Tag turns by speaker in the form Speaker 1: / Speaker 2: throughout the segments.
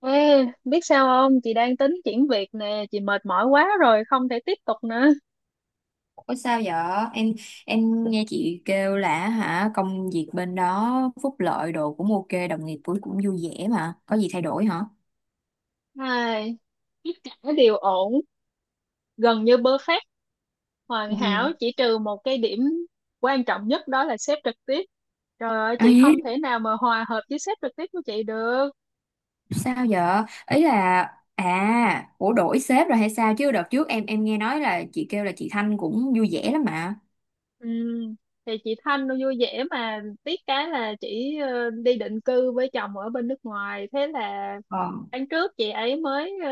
Speaker 1: Ê, biết sao không? Chị đang tính chuyển việc nè, chị mệt mỏi quá rồi, không thể tiếp tục nữa.
Speaker 2: Ủa sao vậy? Em em nghe chị kêu là hả công việc bên đó phúc lợi đồ cũng ok, đồng nghiệp cũng cũng vui vẻ mà. Có gì thay đổi hả?
Speaker 1: Ai, tất cả đều ổn, gần như perfect, hoàn
Speaker 2: Ừ.
Speaker 1: hảo, chỉ trừ một cái điểm quan trọng nhất đó là sếp trực tiếp. Trời ơi, chị không
Speaker 2: Ấy,
Speaker 1: thể nào mà hòa hợp với sếp trực tiếp của chị được.
Speaker 2: sao vậy? Ý là ủa đổi sếp rồi hay sao chứ đợt trước em nghe nói là chị kêu là chị Thanh cũng vui vẻ lắm mà.
Speaker 1: Ừm, thì chị Thanh nó vui vẻ mà tiếc cái là chị đi định cư với chồng ở bên nước ngoài, thế là
Speaker 2: Ờ,
Speaker 1: tháng trước chị ấy mới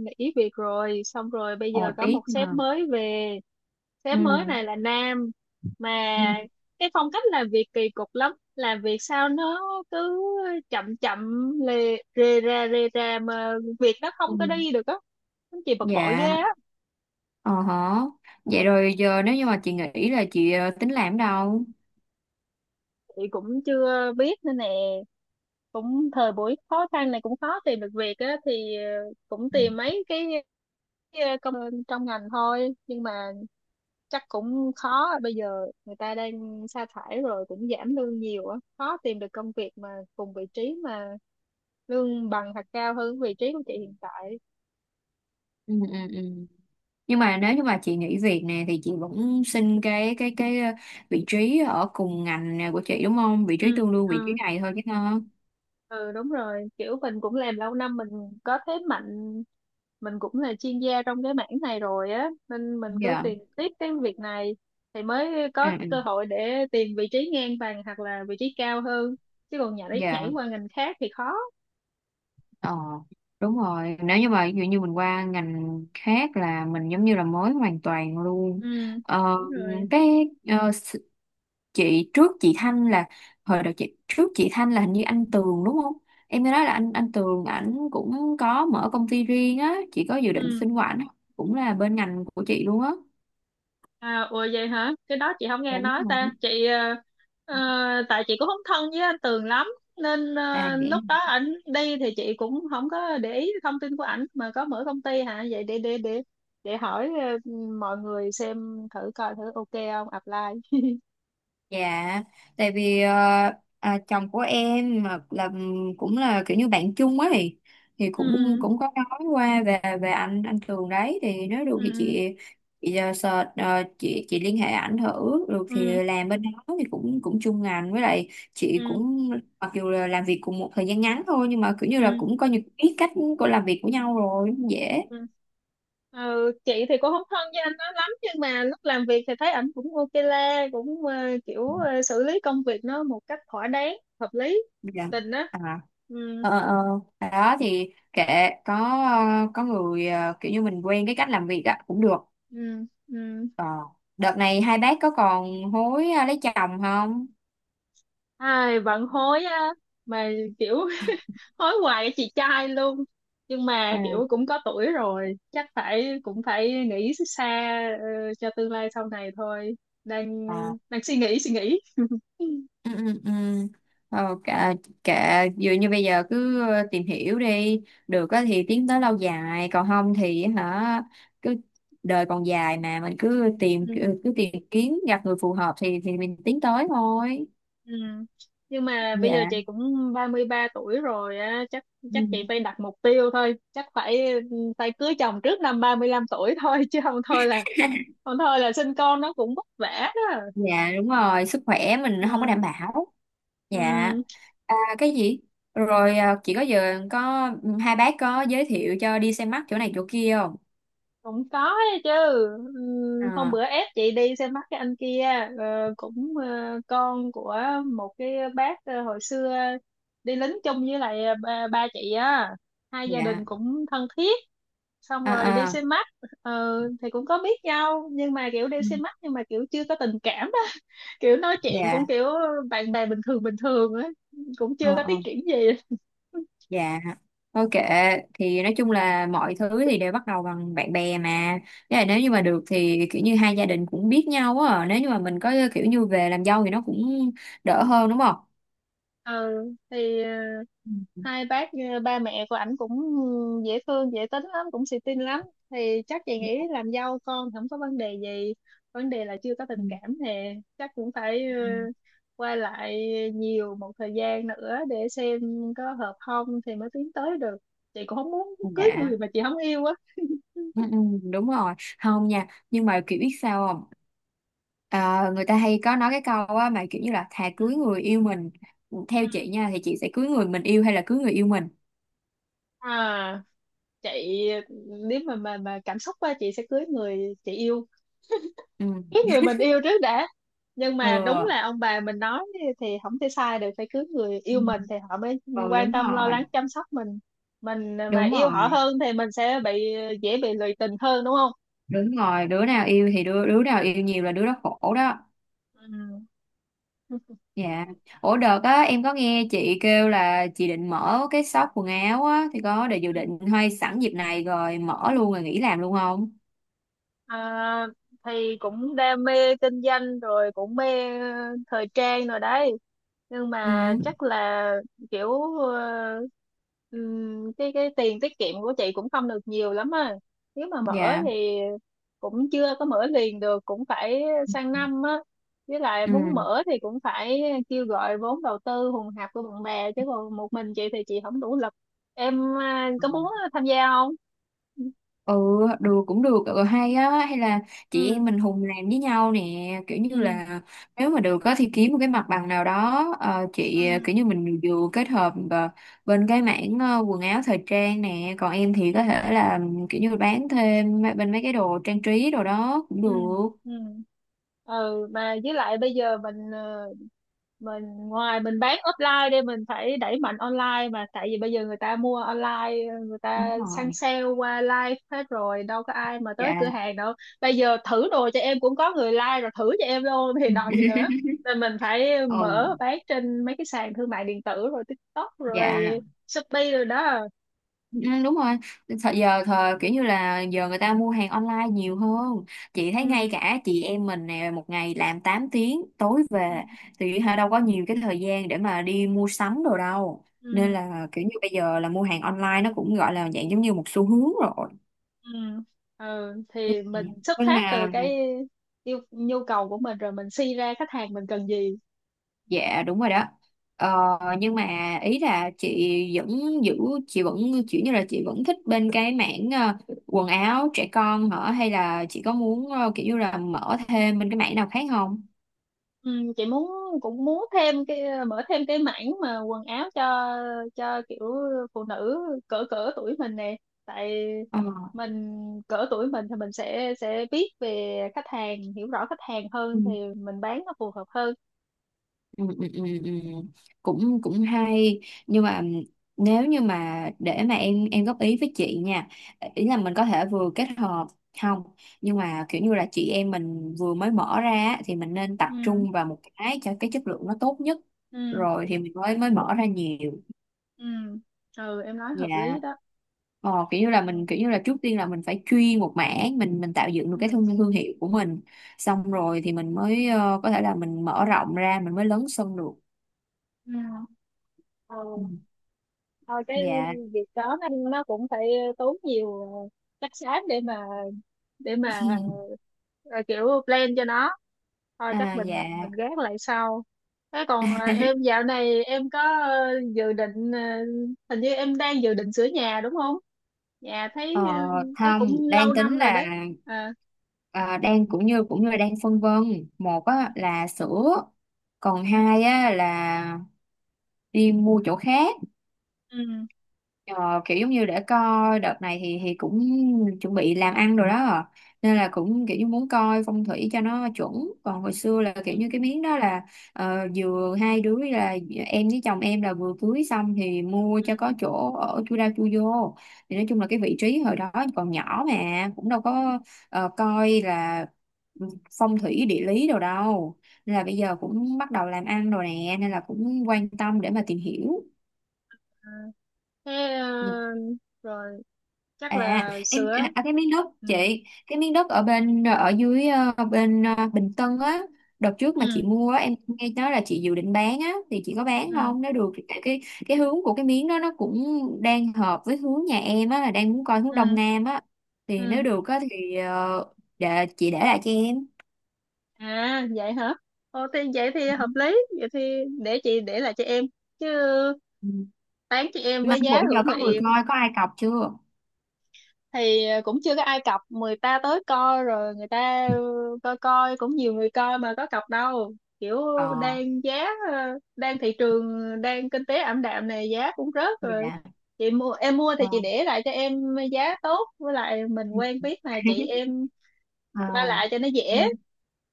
Speaker 1: nghỉ việc rồi xong rồi bây
Speaker 2: ồ
Speaker 1: giờ có
Speaker 2: tiếc
Speaker 1: một
Speaker 2: mà.
Speaker 1: sếp mới về.
Speaker 2: Ừ.
Speaker 1: Sếp mới này là nam mà
Speaker 2: Ừ.
Speaker 1: cái phong cách làm việc kỳ cục lắm, làm việc sao nó cứ chậm chậm lề rề ra mà việc nó không
Speaker 2: Ừ.
Speaker 1: có đi được á, nó chỉ bực bội ghê
Speaker 2: Dạ,
Speaker 1: á.
Speaker 2: ờ hả. Vậy rồi giờ nếu như mà chị nghĩ là chị tính làm ở đâu?
Speaker 1: Chị cũng chưa biết nữa nè, cũng thời buổi khó khăn này cũng khó tìm được việc á thì cũng tìm mấy cái công trong ngành thôi nhưng mà chắc cũng khó, bây giờ người ta đang sa thải rồi cũng giảm lương nhiều á, khó tìm được công việc mà cùng vị trí mà lương bằng hoặc cao hơn vị trí của chị hiện tại.
Speaker 2: Ừ. Ừ. Ừ. Nhưng mà nếu như mà chị nghỉ việc nè thì chị vẫn xin cái vị trí ở cùng ngành nè của chị đúng không, vị trí
Speaker 1: Ừ,
Speaker 2: tương đương vị trí
Speaker 1: ừ.
Speaker 2: này thôi chứ nó
Speaker 1: Ừ, đúng rồi, kiểu mình cũng làm lâu năm, mình có thế mạnh, mình cũng là chuyên gia trong cái mảng này rồi á nên mình cứ
Speaker 2: dạ.
Speaker 1: tìm tiếp cái việc này thì mới có
Speaker 2: À, ừ.
Speaker 1: cơ hội để tìm vị trí ngang bằng hoặc là vị trí cao hơn, chứ còn nhảy
Speaker 2: Dạ,
Speaker 1: nhảy qua ngành khác thì khó.
Speaker 2: ờ đúng rồi, nếu như mà ví dụ như mình qua ngành khác là mình giống như là mới hoàn toàn luôn.
Speaker 1: Ừ,
Speaker 2: ờ,
Speaker 1: đúng rồi.
Speaker 2: cái ờ, chị trước chị Thanh là hồi đầu, chị trước chị Thanh là hình như anh Tường đúng không? Em nghe nói là anh Tường ảnh cũng có mở công ty riêng á, chị có dự định
Speaker 1: Ừ.
Speaker 2: xin qua ảnh không? Cũng là bên ngành của chị luôn á.
Speaker 1: À, ủa vậy hả? Cái đó chị không nghe
Speaker 2: Dạ đúng
Speaker 1: nói ta.
Speaker 2: rồi.
Speaker 1: Chị ờ, tại chị cũng không thân với anh Tường lắm nên
Speaker 2: À vậy.
Speaker 1: lúc đó ảnh đi thì chị cũng không có để ý thông tin của ảnh mà có mở công ty hả? Vậy để hỏi ờ, mọi người xem thử coi thử ok không apply.
Speaker 2: Dạ, tại vì chồng của em mà là ừ, cũng là kiểu như bạn chung ấy, thì cũng
Speaker 1: Ừ,
Speaker 2: cũng có nói qua về về anh Tường đấy, thì nếu được thì
Speaker 1: ừ,
Speaker 2: chị, chị liên hệ ảnh thử, được
Speaker 1: ừ,
Speaker 2: thì làm bên đó thì cũng cũng chung ngành, với lại chị
Speaker 1: ừ,
Speaker 2: cũng mặc dù là làm việc cùng một thời gian ngắn thôi nhưng mà kiểu như
Speaker 1: ừ,
Speaker 2: là
Speaker 1: ừ.
Speaker 2: cũng coi như biết cách của làm việc của nhau rồi, cũng dễ.
Speaker 1: Ừ. Ờ, chị thì cũng không thân với anh nó lắm nhưng mà lúc làm việc thì thấy ảnh cũng ok la, cũng kiểu xử lý công việc nó một cách thỏa đáng, hợp lý hợp
Speaker 2: Dạ.
Speaker 1: tình đó.
Speaker 2: À.
Speaker 1: Ừ,
Speaker 2: Ờ ờ ờ. Đó thì kệ, có có người kiểu như mình quen cái cách làm việc á cũng được.
Speaker 1: ừ, ừ.
Speaker 2: Ờ, đợt này hai bác có còn hối lấy chồng không?
Speaker 1: Ai bận hối á, mà kiểu hối hoài với chị trai luôn, nhưng mà
Speaker 2: À,
Speaker 1: kiểu cũng có tuổi rồi chắc phải cũng phải nghĩ xa ờ, cho tương lai sau này thôi, đang ờ,
Speaker 2: ờ
Speaker 1: đang suy nghĩ
Speaker 2: ừ ừ ừ. Ờ kệ, kệ vừa như bây giờ cứ tìm hiểu đi, được á thì tiến tới lâu dài, còn không thì hả cứ, đời còn dài mà, mình cứ tìm kiếm gặp người phù hợp thì mình tiến tới thôi.
Speaker 1: Ừ. Nhưng mà bây giờ
Speaker 2: Dạ.
Speaker 1: chị cũng 33 tuổi rồi á, chắc
Speaker 2: Ừ.
Speaker 1: chắc chị phải đặt mục tiêu thôi, chắc phải phải cưới chồng trước năm 35 tuổi thôi chứ không thôi là không thôi là sinh con nó cũng vất vả đó.
Speaker 2: Dạ đúng rồi, sức khỏe mình không có
Speaker 1: Ừ.
Speaker 2: đảm bảo. Dạ.
Speaker 1: Ừ.
Speaker 2: À, cái gì, rồi à, chị có giờ có ừ, hai bác có giới thiệu cho đi xem mắt chỗ này chỗ kia không?
Speaker 1: Cũng có ấy chứ. Ừ. Hôm
Speaker 2: À,
Speaker 1: bữa ép chị đi xem mắt cái anh kia, ờ, cũng con của một cái bác hồi xưa đi lính chung với lại ba chị á, hai gia đình
Speaker 2: dạ
Speaker 1: cũng thân thiết, xong rồi đi
Speaker 2: à, à,
Speaker 1: xem mắt ờ, thì cũng có biết nhau nhưng mà kiểu đi
Speaker 2: ừ,
Speaker 1: xem mắt nhưng mà kiểu chưa có tình cảm đó kiểu nói chuyện cũng
Speaker 2: dạ
Speaker 1: kiểu bạn bè bình thường ấy, cũng
Speaker 2: ờ,
Speaker 1: chưa có
Speaker 2: ờ,
Speaker 1: tiến triển gì.
Speaker 2: dạ thôi kệ, thì nói chung là mọi thứ thì đều bắt đầu bằng bạn bè mà. Với lại nếu như mà được thì kiểu như hai gia đình cũng biết nhau á, nếu như mà mình có kiểu như về làm dâu thì nó cũng đỡ hơn đúng không?
Speaker 1: Ừ thì
Speaker 2: Ừ,
Speaker 1: hai bác ba mẹ của ảnh cũng dễ thương, dễ tính lắm, cũng xì tin lắm thì chắc chị nghĩ làm dâu con không có vấn đề gì, vấn đề là chưa có
Speaker 2: ừ,
Speaker 1: tình cảm thì chắc cũng phải
Speaker 2: ừ,
Speaker 1: qua lại nhiều một thời gian nữa để xem có hợp không thì mới tiến tới được, chị cũng không muốn
Speaker 2: ừ.
Speaker 1: cưới
Speaker 2: Dạ.
Speaker 1: người mà chị không yêu á.
Speaker 2: Ừ, ừ, đúng rồi, không nha, nhưng mà kiểu biết sao không? À, người ta hay có nói cái câu á mà kiểu như là thà
Speaker 1: Ừ.
Speaker 2: cưới người yêu mình. Ừ, theo chị nha, thì chị sẽ cưới người mình yêu hay là cưới người yêu mình?
Speaker 1: À, chị, nếu mà cảm xúc á chị sẽ cưới người chị yêu,
Speaker 2: Ừ
Speaker 1: cái người mình yêu trước đã, nhưng
Speaker 2: ừ.
Speaker 1: mà đúng là ông bà mình nói thì không thể sai được, phải cưới người
Speaker 2: Ừ.
Speaker 1: yêu mình thì họ mới
Speaker 2: Ừ
Speaker 1: quan
Speaker 2: đúng
Speaker 1: tâm lo
Speaker 2: rồi.
Speaker 1: lắng chăm sóc mình mà
Speaker 2: Đúng
Speaker 1: yêu họ
Speaker 2: rồi,
Speaker 1: hơn thì mình sẽ bị, dễ bị lụy tình hơn đúng không.
Speaker 2: đúng rồi, đứa nào yêu thì đứa đứa nào yêu nhiều là đứa đó khổ đó. Dạ. Ủa đợt á em có nghe chị kêu là chị định mở cái shop quần áo á, thì có để dự
Speaker 1: Ừ.
Speaker 2: định hay sẵn dịp này rồi mở luôn rồi nghỉ làm luôn không?
Speaker 1: À, thì cũng đam mê kinh doanh rồi cũng mê thời trang rồi đấy, nhưng
Speaker 2: Ừ.
Speaker 1: mà chắc là kiểu cái tiền tiết kiệm của chị cũng không được nhiều lắm à, nếu mà mở
Speaker 2: Dạ.
Speaker 1: thì cũng chưa có mở liền được, cũng phải sang năm á, với lại
Speaker 2: Ừ
Speaker 1: muốn mở thì cũng phải kêu gọi vốn đầu tư hùn hạp của bạn bè chứ còn một mình chị thì chị không đủ lực. Em à, có muốn tham gia không?
Speaker 2: ừ, được cũng được, ừ, hay á, hay là chị
Speaker 1: Ừ,
Speaker 2: em mình hùng làm với nhau nè, kiểu như
Speaker 1: ừ,
Speaker 2: là nếu mà được á thì kiếm một cái mặt bằng nào đó, ờ, chị ờ,
Speaker 1: ừ,
Speaker 2: kiểu như mình vừa kết hợp bên cái mảng quần áo thời trang nè, còn em thì có
Speaker 1: ừ,
Speaker 2: thể là ừ, kiểu như bán thêm mấy- bên mấy cái đồ trang trí đồ đó cũng
Speaker 1: ừ,
Speaker 2: được.
Speaker 1: ừ, ừ mà với lại bây giờ mình mình ngoài mình bán offline đi mình phải đẩy mạnh online, mà tại vì bây giờ người ta mua online, người
Speaker 2: Đúng
Speaker 1: ta săn
Speaker 2: rồi.
Speaker 1: sale qua live hết rồi, đâu có ai mà tới cửa
Speaker 2: Dạ.
Speaker 1: hàng đâu. Bây giờ thử đồ cho em cũng có người like rồi, thử cho em luôn thì đòi gì nữa, nên mình phải
Speaker 2: Ừ.
Speaker 1: mở bán trên mấy cái sàn thương mại điện tử rồi TikTok
Speaker 2: Dạ.
Speaker 1: rồi Shopee rồi đó.
Speaker 2: Ừ, đúng rồi, thời giờ thời kiểu như là giờ người ta mua hàng online nhiều hơn. Chị thấy
Speaker 1: Ừ,
Speaker 2: ngay cả chị em mình nè, một ngày làm 8 tiếng tối
Speaker 1: ừ,
Speaker 2: về thì hả đâu có nhiều cái thời gian để mà đi mua sắm đồ đâu, nên
Speaker 1: ừ,
Speaker 2: là kiểu như bây giờ là mua hàng online nó cũng gọi là dạng giống như một xu hướng rồi.
Speaker 1: ừ. Ừ.
Speaker 2: Ừ.
Speaker 1: Thì mình xuất
Speaker 2: Nhưng
Speaker 1: phát
Speaker 2: mà
Speaker 1: từ cái yêu nhu cầu của mình rồi mình suy ra khách hàng mình cần gì.
Speaker 2: dạ đúng rồi đó. Ờ, nhưng mà ý là chị vẫn giữ, chị vẫn kiểu như là chị vẫn thích bên cái mảng quần áo trẻ con hả, hay là chị có muốn kiểu như là mở thêm bên cái mảng nào khác không?
Speaker 1: Ừ. Chị muốn, cũng muốn thêm cái, mở thêm cái mảng mà quần áo cho kiểu phụ nữ cỡ cỡ tuổi mình nè, tại mình cỡ tuổi mình thì mình sẽ biết về khách hàng, hiểu rõ khách hàng
Speaker 2: Ờ.
Speaker 1: hơn thì mình bán nó phù hợp hơn.
Speaker 2: Ừ, ừ, ừ, ừ. Cũng cũng hay, nhưng mà nếu như mà để mà em góp ý với chị nha, ý là mình có thể vừa kết hợp, không, nhưng mà kiểu như là chị em mình vừa mới mở ra á, thì mình nên tập
Speaker 1: Ừ,
Speaker 2: trung vào một cái cho cái chất lượng nó tốt nhất,
Speaker 1: ừ,
Speaker 2: rồi thì mình mới mới mở ra nhiều.
Speaker 1: ừ, ừ em nói hợp
Speaker 2: Dạ.
Speaker 1: lý đó.
Speaker 2: Ờ, kiểu như là
Speaker 1: Ừ,
Speaker 2: mình, kiểu như là trước tiên là mình phải chuyên một mảng, mình tạo dựng được cái
Speaker 1: ừ,
Speaker 2: thương thương hiệu của mình,
Speaker 1: ừ,
Speaker 2: xong rồi thì mình mới có thể là mình mở rộng ra, mình mới lớn sân được.
Speaker 1: ừ. Ừ.
Speaker 2: Ừ.
Speaker 1: Thôi cái
Speaker 2: Dạ.
Speaker 1: việc đó nó cũng phải tốn nhiều chất xám để mà để mà kiểu plan cho nó, thôi chắc
Speaker 2: À
Speaker 1: mình
Speaker 2: dạ,
Speaker 1: mình gác lại sau. Thế còn em dạo này em có dự định hình như em đang dự định sửa nhà đúng không, nhà
Speaker 2: ờ,
Speaker 1: thấy thấy
Speaker 2: không,
Speaker 1: cũng lâu
Speaker 2: đang tính
Speaker 1: năm rồi
Speaker 2: là
Speaker 1: đấy. À,
Speaker 2: à, đang cũng như đang phân vân, một á, là sữa, còn hai á, là đi mua chỗ khác.
Speaker 1: ừ,
Speaker 2: Ờ, kiểu giống như để coi đợt này thì cũng chuẩn bị làm ăn rồi đó à. Nên là cũng kiểu như muốn coi phong thủy cho nó chuẩn, còn hồi xưa là
Speaker 1: ừ,
Speaker 2: kiểu như cái miếng đó là vừa hai đứa là em với chồng em là vừa cưới xong thì mua
Speaker 1: ừ.
Speaker 2: cho có chỗ ở chui ra chui vô, thì nói chung là cái vị trí hồi đó còn nhỏ mà cũng đâu có coi là phong thủy địa lý đâu đâu, nên là bây giờ cũng bắt đầu làm ăn rồi nè nên là cũng quan tâm để mà tìm hiểu.
Speaker 1: À, thế ờ,
Speaker 2: Ừ.
Speaker 1: rồi chắc
Speaker 2: À,
Speaker 1: là
Speaker 2: em
Speaker 1: sửa.
Speaker 2: à, à, cái miếng đất
Speaker 1: Ừ.
Speaker 2: chị, cái miếng đất ở bên ở dưới bên Bình Tân á, đợt trước mà chị
Speaker 1: Ừ,
Speaker 2: mua á, em nghe nói là chị dự định bán á, thì chị có bán
Speaker 1: ừ,
Speaker 2: không? Nếu được thì tại cái hướng của cái miếng đó nó cũng đang hợp với hướng nhà em á, là đang muốn coi hướng Đông
Speaker 1: ừ,
Speaker 2: Nam á. Thì
Speaker 1: ừ.
Speaker 2: nếu được á thì để chị để lại cho em.
Speaker 1: À vậy hả? Ồ thì vậy thì hợp
Speaker 2: Ừ.
Speaker 1: lý, vậy thì để chị để lại cho em chứ,
Speaker 2: Ừ.
Speaker 1: bán cho em
Speaker 2: Mà
Speaker 1: với giá
Speaker 2: bữa
Speaker 1: hữu
Speaker 2: giờ có người
Speaker 1: nghị.
Speaker 2: coi có ai cọc chưa?
Speaker 1: Thì cũng chưa có ai cọc, người ta tới coi rồi người ta coi, coi cũng nhiều người coi mà có cọc đâu. Kiểu
Speaker 2: Ờ,
Speaker 1: đang giá đang thị trường, đang kinh tế ảm đạm này giá cũng rớt rồi.
Speaker 2: dạ.
Speaker 1: Chị mua em mua thì
Speaker 2: Ờ.
Speaker 1: chị để lại cho em giá tốt, với lại mình quen biết mà, chị em qua lại cho nó
Speaker 2: À.
Speaker 1: dễ.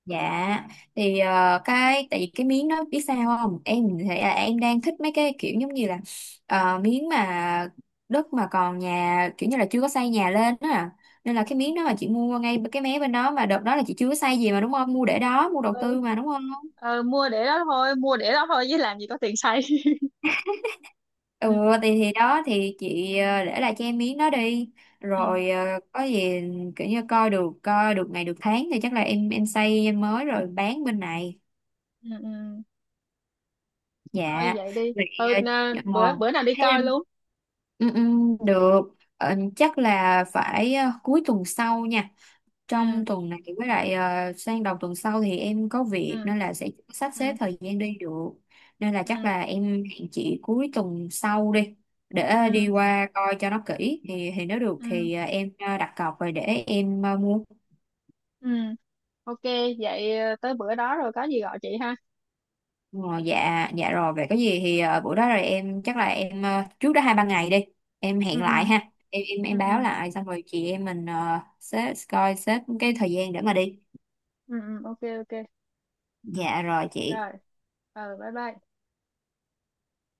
Speaker 2: Dạ thì cái tại vì cái miếng đó biết sao không, em thì là em đang thích mấy cái kiểu giống như là miếng mà đất mà còn nhà kiểu như là chưa có xây nhà lên đó à. Nên là cái miếng đó mà chị mua ngay cái mé bên đó mà đợt đó là chị chưa có xây gì mà đúng không, mua để đó mua đầu
Speaker 1: Ừ.
Speaker 2: tư mà đúng không?
Speaker 1: Ờ, mua để đó thôi, mua để đó thôi chứ làm gì có tiền xây
Speaker 2: Ừ,
Speaker 1: ừ,
Speaker 2: thì đó thì chị để lại cho em miếng đó đi,
Speaker 1: ừ,
Speaker 2: rồi có gì kiểu như coi được ngày được tháng thì chắc là em xây em mới rồi bán bên này.
Speaker 1: ừ, ừ. Thôi
Speaker 2: Dạ.
Speaker 1: vậy đi,
Speaker 2: Vậy
Speaker 1: ừ,
Speaker 2: ờ, ờ,
Speaker 1: bữa bữa nào đi
Speaker 2: hay là
Speaker 1: coi luôn.
Speaker 2: ừ, ừ, được. Ờ, chắc là phải cuối tuần sau nha,
Speaker 1: Ừ,
Speaker 2: trong tuần này với lại sang đầu tuần sau thì em có việc
Speaker 1: ừ,
Speaker 2: nên là sẽ sắp xếp
Speaker 1: ừ,
Speaker 2: thời gian đi được, nên là chắc
Speaker 1: ừ,
Speaker 2: là em hẹn chị cuối tuần sau đi, để đi
Speaker 1: ừ,
Speaker 2: qua coi cho nó kỹ, thì nếu được
Speaker 1: ừ,
Speaker 2: thì em đặt cọc rồi để em mua.
Speaker 1: ừ. Ok. Vậy tới bữa đó rồi có gì gọi chị ha.
Speaker 2: Ờ, dạ dạ rồi, vậy có gì thì buổi đó rồi em chắc là em trước đó hai ba ngày đi em
Speaker 1: Ừ,
Speaker 2: hẹn lại
Speaker 1: ừ,
Speaker 2: ha, em
Speaker 1: ừ,
Speaker 2: báo
Speaker 1: ừ,
Speaker 2: lại xong rồi chị em mình xếp coi xếp cái thời gian để mà đi.
Speaker 1: ừ, ừ, ok ok
Speaker 2: Dạ rồi chị.
Speaker 1: rồi. Ừ, bye bye.